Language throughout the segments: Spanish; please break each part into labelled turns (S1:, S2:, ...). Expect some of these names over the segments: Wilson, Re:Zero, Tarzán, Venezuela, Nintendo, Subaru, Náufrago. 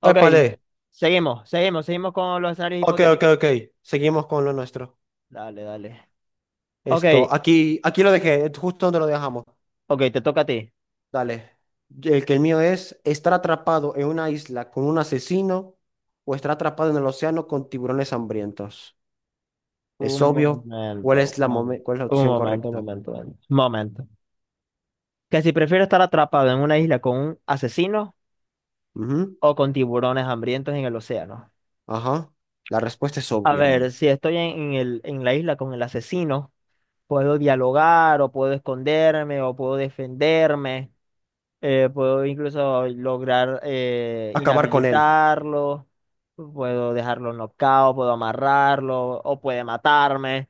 S1: Ok,
S2: Épale.
S1: seguimos, seguimos, seguimos con los escenarios
S2: Ok, ok,
S1: hipotéticos.
S2: ok. Seguimos con lo nuestro.
S1: Dale, dale. Ok,
S2: Esto, aquí lo dejé, justo donde lo dejamos.
S1: ok, te toca a ti.
S2: Dale. El mío es estar atrapado en una isla con un asesino o estar atrapado en el océano con tiburones hambrientos. Es
S1: Un
S2: obvio
S1: momento, un
S2: cuál es la
S1: momento, un
S2: opción
S1: momento, un
S2: correcta.
S1: momento. Un momento. Que si prefiero estar atrapado en una isla con un asesino
S2: Ujú.
S1: o con tiburones hambrientos en el océano.
S2: Ajá. La respuesta es
S1: A
S2: obvia,
S1: ver,
S2: hermano.
S1: si estoy en la isla con el asesino, puedo dialogar o puedo esconderme o puedo defenderme. Puedo incluso lograr
S2: Acabar con él.
S1: inhabilitarlo, puedo dejarlo nocaut, puedo amarrarlo, o puede matarme,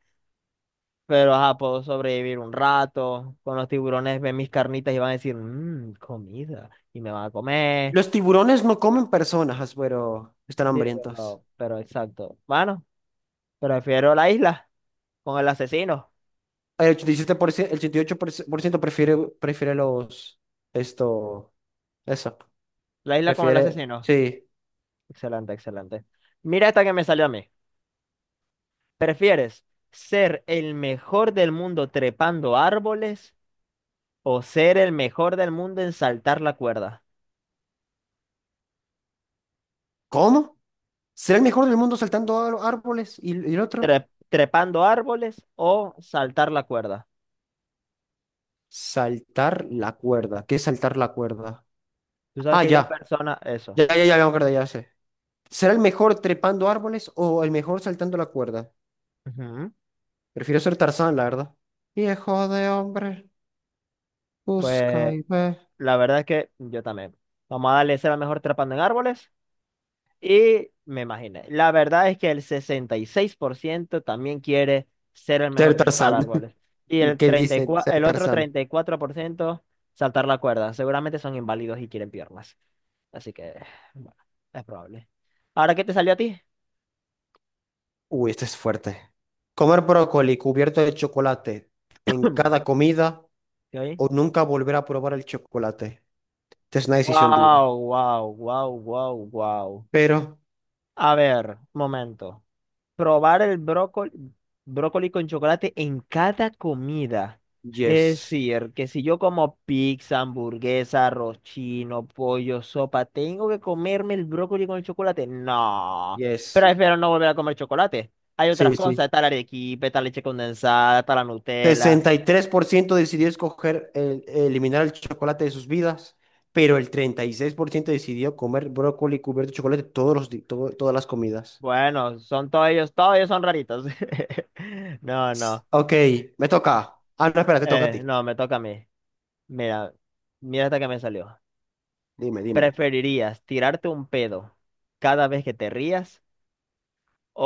S1: pero ajá, puedo sobrevivir un rato. Con los tiburones ven mis carnitas y van a decir, mmm, comida, y me van a comer.
S2: Los tiburones no comen personas, pero están
S1: Sí,
S2: hambrientos.
S1: pero exacto. Bueno, prefiero la isla con el asesino.
S2: El 87%, el 88% prefiere los, esto, eso,
S1: La isla con el
S2: prefiere,
S1: asesino.
S2: sí.
S1: Excelente, excelente. Mira esta que me salió a mí. ¿Prefieres ser el mejor del mundo trepando árboles o ser el mejor del mundo en saltar la cuerda?
S2: ¿Cómo? ¿Será el mejor del mundo saltando a los árboles? ¿Y el otro?
S1: Trepando árboles o saltar la cuerda.
S2: Saltar la cuerda. ¿Qué es saltar la cuerda?
S1: Tú sabes
S2: Ah,
S1: que hay dos
S2: ya.
S1: personas, eso.
S2: Ya, ya, ya, ya me acordé, ya sé. ¿Será el mejor trepando árboles o el mejor saltando la cuerda?
S1: Ujú.
S2: Prefiero ser Tarzán, la verdad. Viejo de hombre, busca
S1: Pues
S2: y ve.
S1: la verdad es que yo también. Vamos a darle ser el mejor trepando en árboles y me imaginé. La verdad es que el 66% también quiere ser el
S2: Ser
S1: mejor trepar
S2: Tarzán.
S1: árboles y el
S2: ¿Qué
S1: treinta y
S2: dicen?
S1: cuatro
S2: Ser
S1: el otro
S2: Tarzán.
S1: 34% saltar la cuerda. Seguramente son inválidos y quieren piernas. Así que, bueno, es probable. ¿Ahora qué te salió a ti?
S2: Uy, este es fuerte. Comer brócoli cubierto de chocolate en cada comida
S1: ¿Sí
S2: o nunca volver a probar el chocolate. Esta es una decisión dura.
S1: Wow, wow, wow, wow, wow.
S2: Pero,
S1: A ver, momento. Probar el brócoli con chocolate en cada comida. Es
S2: yes,
S1: decir, que si yo como pizza, hamburguesa, arroz chino, pollo, sopa, ¿tengo que comerme el brócoli con el chocolate? No.
S2: yes.
S1: Prefiero no volver a comer chocolate. Hay otras
S2: Sí,
S1: cosas,
S2: sí.
S1: está la arequipe, está leche condensada, está la Nutella.
S2: 63% decidió eliminar el chocolate de sus vidas, pero el 36% decidió comer brócoli cubierto de chocolate todos los, di- todo- todas las comidas.
S1: Bueno, son todos ellos son raritos. No, no.
S2: Ok, me toca. Ah, no, espera, te toca a
S1: Eh,
S2: ti.
S1: no, me toca a mí. Mira, mira hasta que me salió.
S2: Dime, dime.
S1: ¿Preferirías tirarte un pedo cada vez que te rías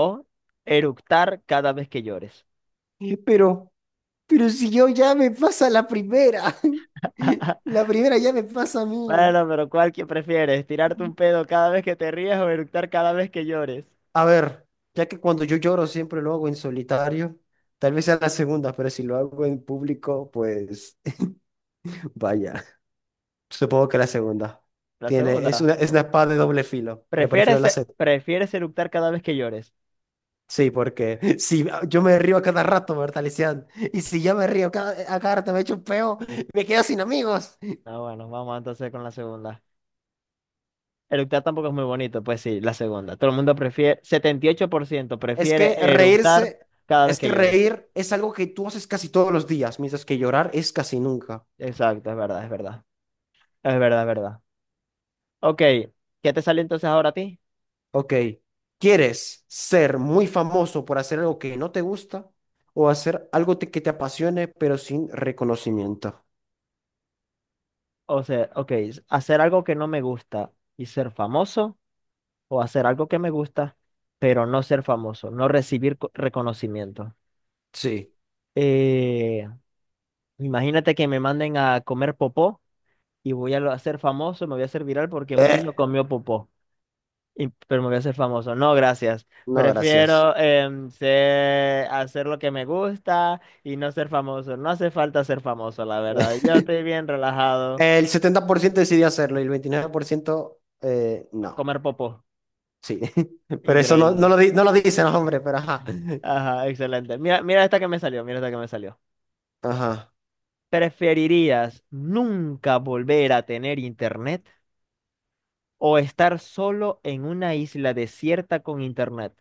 S1: o eructar cada vez que llores?
S2: Pero... Pero si yo ya me pasa la primera, la primera ya me pasa a mí.
S1: Bueno, pero ¿cuál que prefieres? ¿Tirarte un pedo cada vez que te rías o eructar cada vez que llores?
S2: A ver, ya que cuando yo lloro siempre lo hago en solitario, tal vez sea la segunda, pero si lo hago en público, pues vaya, supongo que la segunda.
S1: La
S2: Es
S1: segunda.
S2: una, es una espada de doble filo, pero prefiero
S1: ¿Prefieres,
S2: la
S1: e-
S2: segunda.
S1: prefieres eructar cada vez que llores?
S2: Sí, porque si yo me río a cada rato, ¿verdad, Lisian? Y si yo me río a cada rato me echo un peo, me quedo sin amigos.
S1: Ah, bueno, vamos entonces con la segunda. Eructar tampoco es muy bonito, pues sí, la segunda. Todo el mundo prefiere, 78%
S2: Es que
S1: prefiere eructar
S2: reírse,
S1: cada vez
S2: es
S1: que
S2: que
S1: llores.
S2: reír es algo que tú haces casi todos los días, mientras que llorar es casi nunca.
S1: Exacto, es verdad, es verdad. Es verdad, es verdad. Ok, ¿qué te sale entonces ahora a ti?
S2: Ok. ¿Quieres ser muy famoso por hacer algo que no te gusta o hacer algo que te apasione pero sin reconocimiento?
S1: O sea, ok, hacer algo que no me gusta y ser famoso, o hacer algo que me gusta, pero no ser famoso, no recibir reconocimiento.
S2: Sí.
S1: Eh, Imagínate que me manden a comer popó y voy a ser famoso, me voy a hacer viral porque un niño
S2: Eh,
S1: comió popó. Pero me voy a hacer famoso. No, gracias.
S2: no, gracias.
S1: Prefiero hacer lo que me gusta y no ser famoso. No hace falta ser famoso, la verdad. Yo estoy bien relajado.
S2: El 70% decidió hacerlo y el 29% no.
S1: Comer popó.
S2: Sí. Pero eso no, no
S1: Increíble.
S2: lo, di- no lo dicen, hombre, pero ajá.
S1: Ajá, excelente. Mira, mira esta que me salió. Mira esta que me salió.
S2: Ajá.
S1: ¿Preferirías nunca volver a tener internet o estar solo en una isla desierta con internet?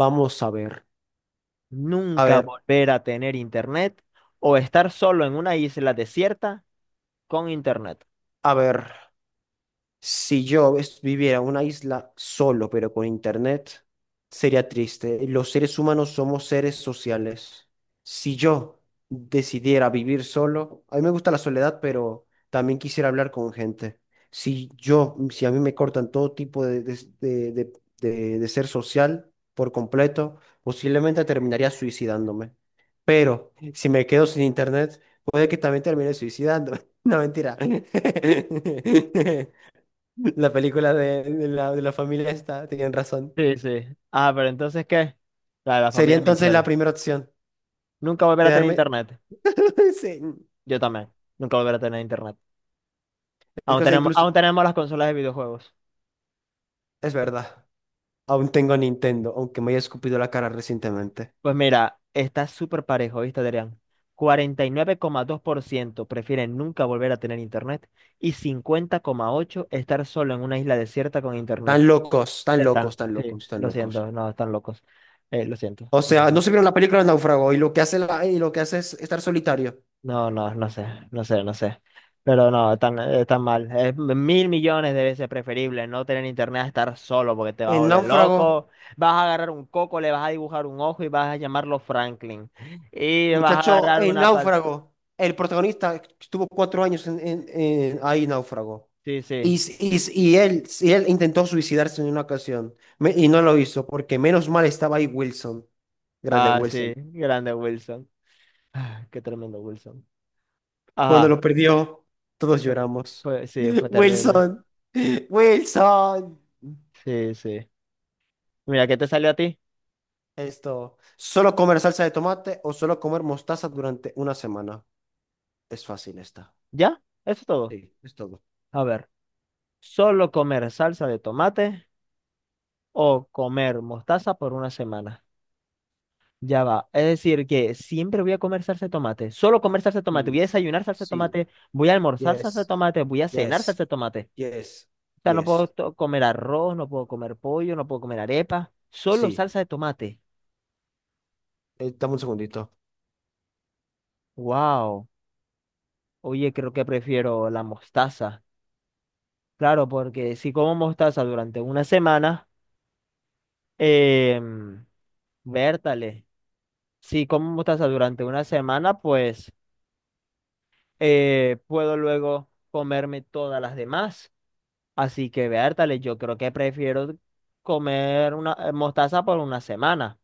S2: Vamos a ver. A
S1: Nunca
S2: ver,
S1: volver a tener internet o estar solo en una isla desierta con internet.
S2: a ver. Si yo viviera en una isla solo, pero con internet, sería triste. Los seres humanos somos seres sociales. Si yo decidiera vivir solo, a mí me gusta la soledad, pero también quisiera hablar con gente. Si a mí me cortan todo tipo de, de- de ser social por completo, posiblemente terminaría suicidándome. Pero si me quedo sin internet, puede que también termine suicidándome. No, mentira. La película de la familia está, tenían razón.
S1: Sí, sí. Ah, pero entonces, ¿qué? De la
S2: Sería
S1: familia
S2: entonces la
S1: Mitchell.
S2: primera opción.
S1: Nunca volverá a tener
S2: Quedarme.
S1: internet.
S2: Sí.
S1: Yo también. Nunca volverá a tener internet.
S2: Es
S1: Aún
S2: cosa
S1: tenemos,
S2: incluso.
S1: aún tenemos las consolas de videojuegos.
S2: Es verdad. Aún tengo Nintendo, aunque me haya escupido la cara recientemente.
S1: Pues mira, está súper parejo, ¿viste, Adrián? 49,2% prefieren nunca volver a tener internet y 50,8% estar solo en una isla desierta con internet.
S2: Tan locos, tan
S1: Están,
S2: locos, tan
S1: sí,
S2: locos, tan
S1: lo
S2: locos.
S1: siento, no, están locos. Lo siento.
S2: O sea,
S1: No.
S2: no se vieron la película de Náufrago y lo que hace, y lo que hace es estar solitario.
S1: No, no, no sé, no sé, no sé. Pero no, tan, tan mal. Es mil millones de veces preferible no tener internet a estar solo porque te vas a
S2: En
S1: volver
S2: Náufrago,
S1: loco. Vas a agarrar un coco, le vas a dibujar un ojo y vas a llamarlo Franklin. Y vas a
S2: muchacho,
S1: agarrar
S2: en
S1: una pal...
S2: Náufrago, el protagonista estuvo 4 años ahí, en Náufrago.
S1: Sí,
S2: Y,
S1: sí.
S2: s- y, s- y él, y él intentó suicidarse en una ocasión y no lo hizo porque menos mal estaba ahí Wilson, grande
S1: Ah, sí.
S2: Wilson.
S1: Grande Wilson. Qué tremendo Wilson.
S2: Cuando
S1: Ajá.
S2: lo perdió, todos
S1: Fue,
S2: lloramos.
S1: fue, sí, fue terrible.
S2: Wilson, Wilson.
S1: Sí, sí. Mira, ¿qué te salió a ti?
S2: Solo comer salsa de tomate o solo comer mostaza durante una semana. Es fácil esta.
S1: ¿Ya? Eso es todo.
S2: Sí, es todo.
S1: A ver. Solo comer salsa de tomate o comer mostaza por una semana. Ya va. Es decir, que siempre voy a comer salsa de tomate. Solo comer salsa de tomate. Voy
S2: Sí,
S1: a desayunar salsa de
S2: sí.
S1: tomate. Voy a almorzar salsa de
S2: Yes,
S1: tomate. Voy a cenar
S2: yes,
S1: salsa de tomate.
S2: yes,
S1: O sea, no puedo
S2: yes.
S1: comer arroz, no puedo comer pollo, no puedo comer arepa. Solo
S2: Sí.
S1: salsa de tomate.
S2: Dame un segundito.
S1: Wow. Oye, creo que prefiero la mostaza. Claro, porque si como mostaza durante una semana, eh, vértale. Si como mostaza durante una semana, pues puedo luego comerme todas las demás. Así que, vértale, yo creo que prefiero comer una mostaza por una semana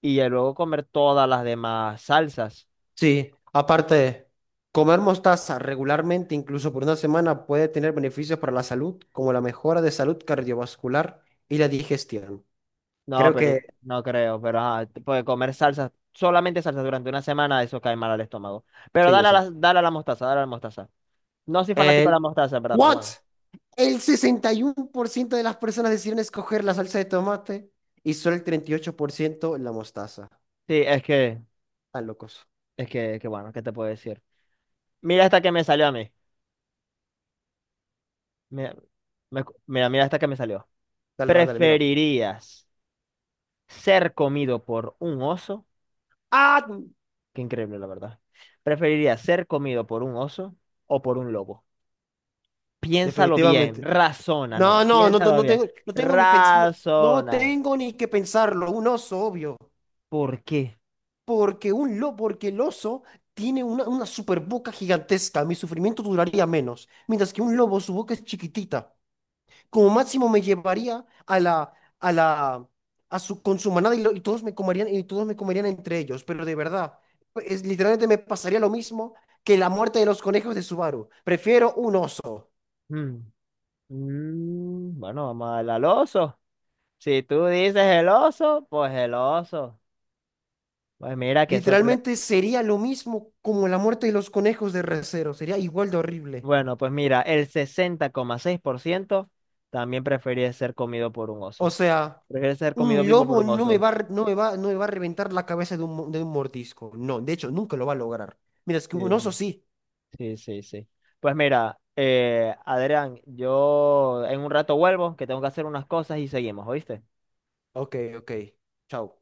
S1: y ya luego comer todas las demás salsas.
S2: Sí, aparte, comer mostaza regularmente, incluso por una semana, puede tener beneficios para la salud, como la mejora de salud cardiovascular y la digestión.
S1: No,
S2: Creo
S1: pero
S2: que,
S1: no creo, pero ajá, puede comer salsas, solamente salsas durante una semana, eso cae mal al estómago. Pero
S2: sí, yo
S1: dale a
S2: sé.
S1: la, dale a la mostaza, dale a la mostaza. No soy fanático de la
S2: El,
S1: mostaza, en verdad, pero
S2: ¿what?
S1: bueno.
S2: El 61% de las personas decidieron escoger la salsa de tomate y solo el 38% la mostaza.
S1: Sí, es que,
S2: Están locos.
S1: es que, que bueno, ¿qué te puedo decir? Mira esta que me salió a mí. Mira, mira esta que me salió.
S2: Dale, dale, dale, mira.
S1: ¿Preferirías ser comido por un oso?
S2: Ah,
S1: Qué increíble, la verdad. ¿Preferirías ser comido por un oso o por un lobo? Piénsalo bien,
S2: definitivamente.
S1: razona, no,
S2: No,
S1: no,
S2: no, no, no
S1: piénsalo
S2: no
S1: bien,
S2: tengo, no tengo ni pens- no no
S1: razona.
S2: tengo ni que pensarlo. Un oso, obvio.
S1: ¿Por qué?
S2: Porque el oso tiene una super boca gigantesca. Mi sufrimiento duraría menos. Mientras que un lobo, su boca es chiquitita. Como máximo me llevaría a la, a la, a su, con su manada y, y todos me comerían, y todos me comerían entre ellos. Pero de verdad, literalmente me pasaría lo mismo que la muerte de los conejos de Subaru. Prefiero un oso.
S1: Mm, bueno, vamos a darle al oso. Si tú dices el oso. Pues mira, qué sorpresa.
S2: Literalmente sería lo mismo como la muerte de los conejos de Re:Zero. Sería igual de horrible.
S1: Bueno, pues mira, el 60,6% también prefería ser comido por un
S2: O
S1: oso.
S2: sea.
S1: Prefiere ser comido
S2: Un
S1: vivo por
S2: lobo
S1: un
S2: no me
S1: oso.
S2: va, a re- no me va, no me va a reventar la cabeza de un mordisco. No, de hecho, nunca lo va a lograr. Mira, es que un
S1: Sí,
S2: oso sí.
S1: sí, sí, sí. Pues mira, Adrián, yo en un rato vuelvo, que tengo que hacer unas cosas y seguimos, ¿oíste?
S2: Ok, ok. Chao.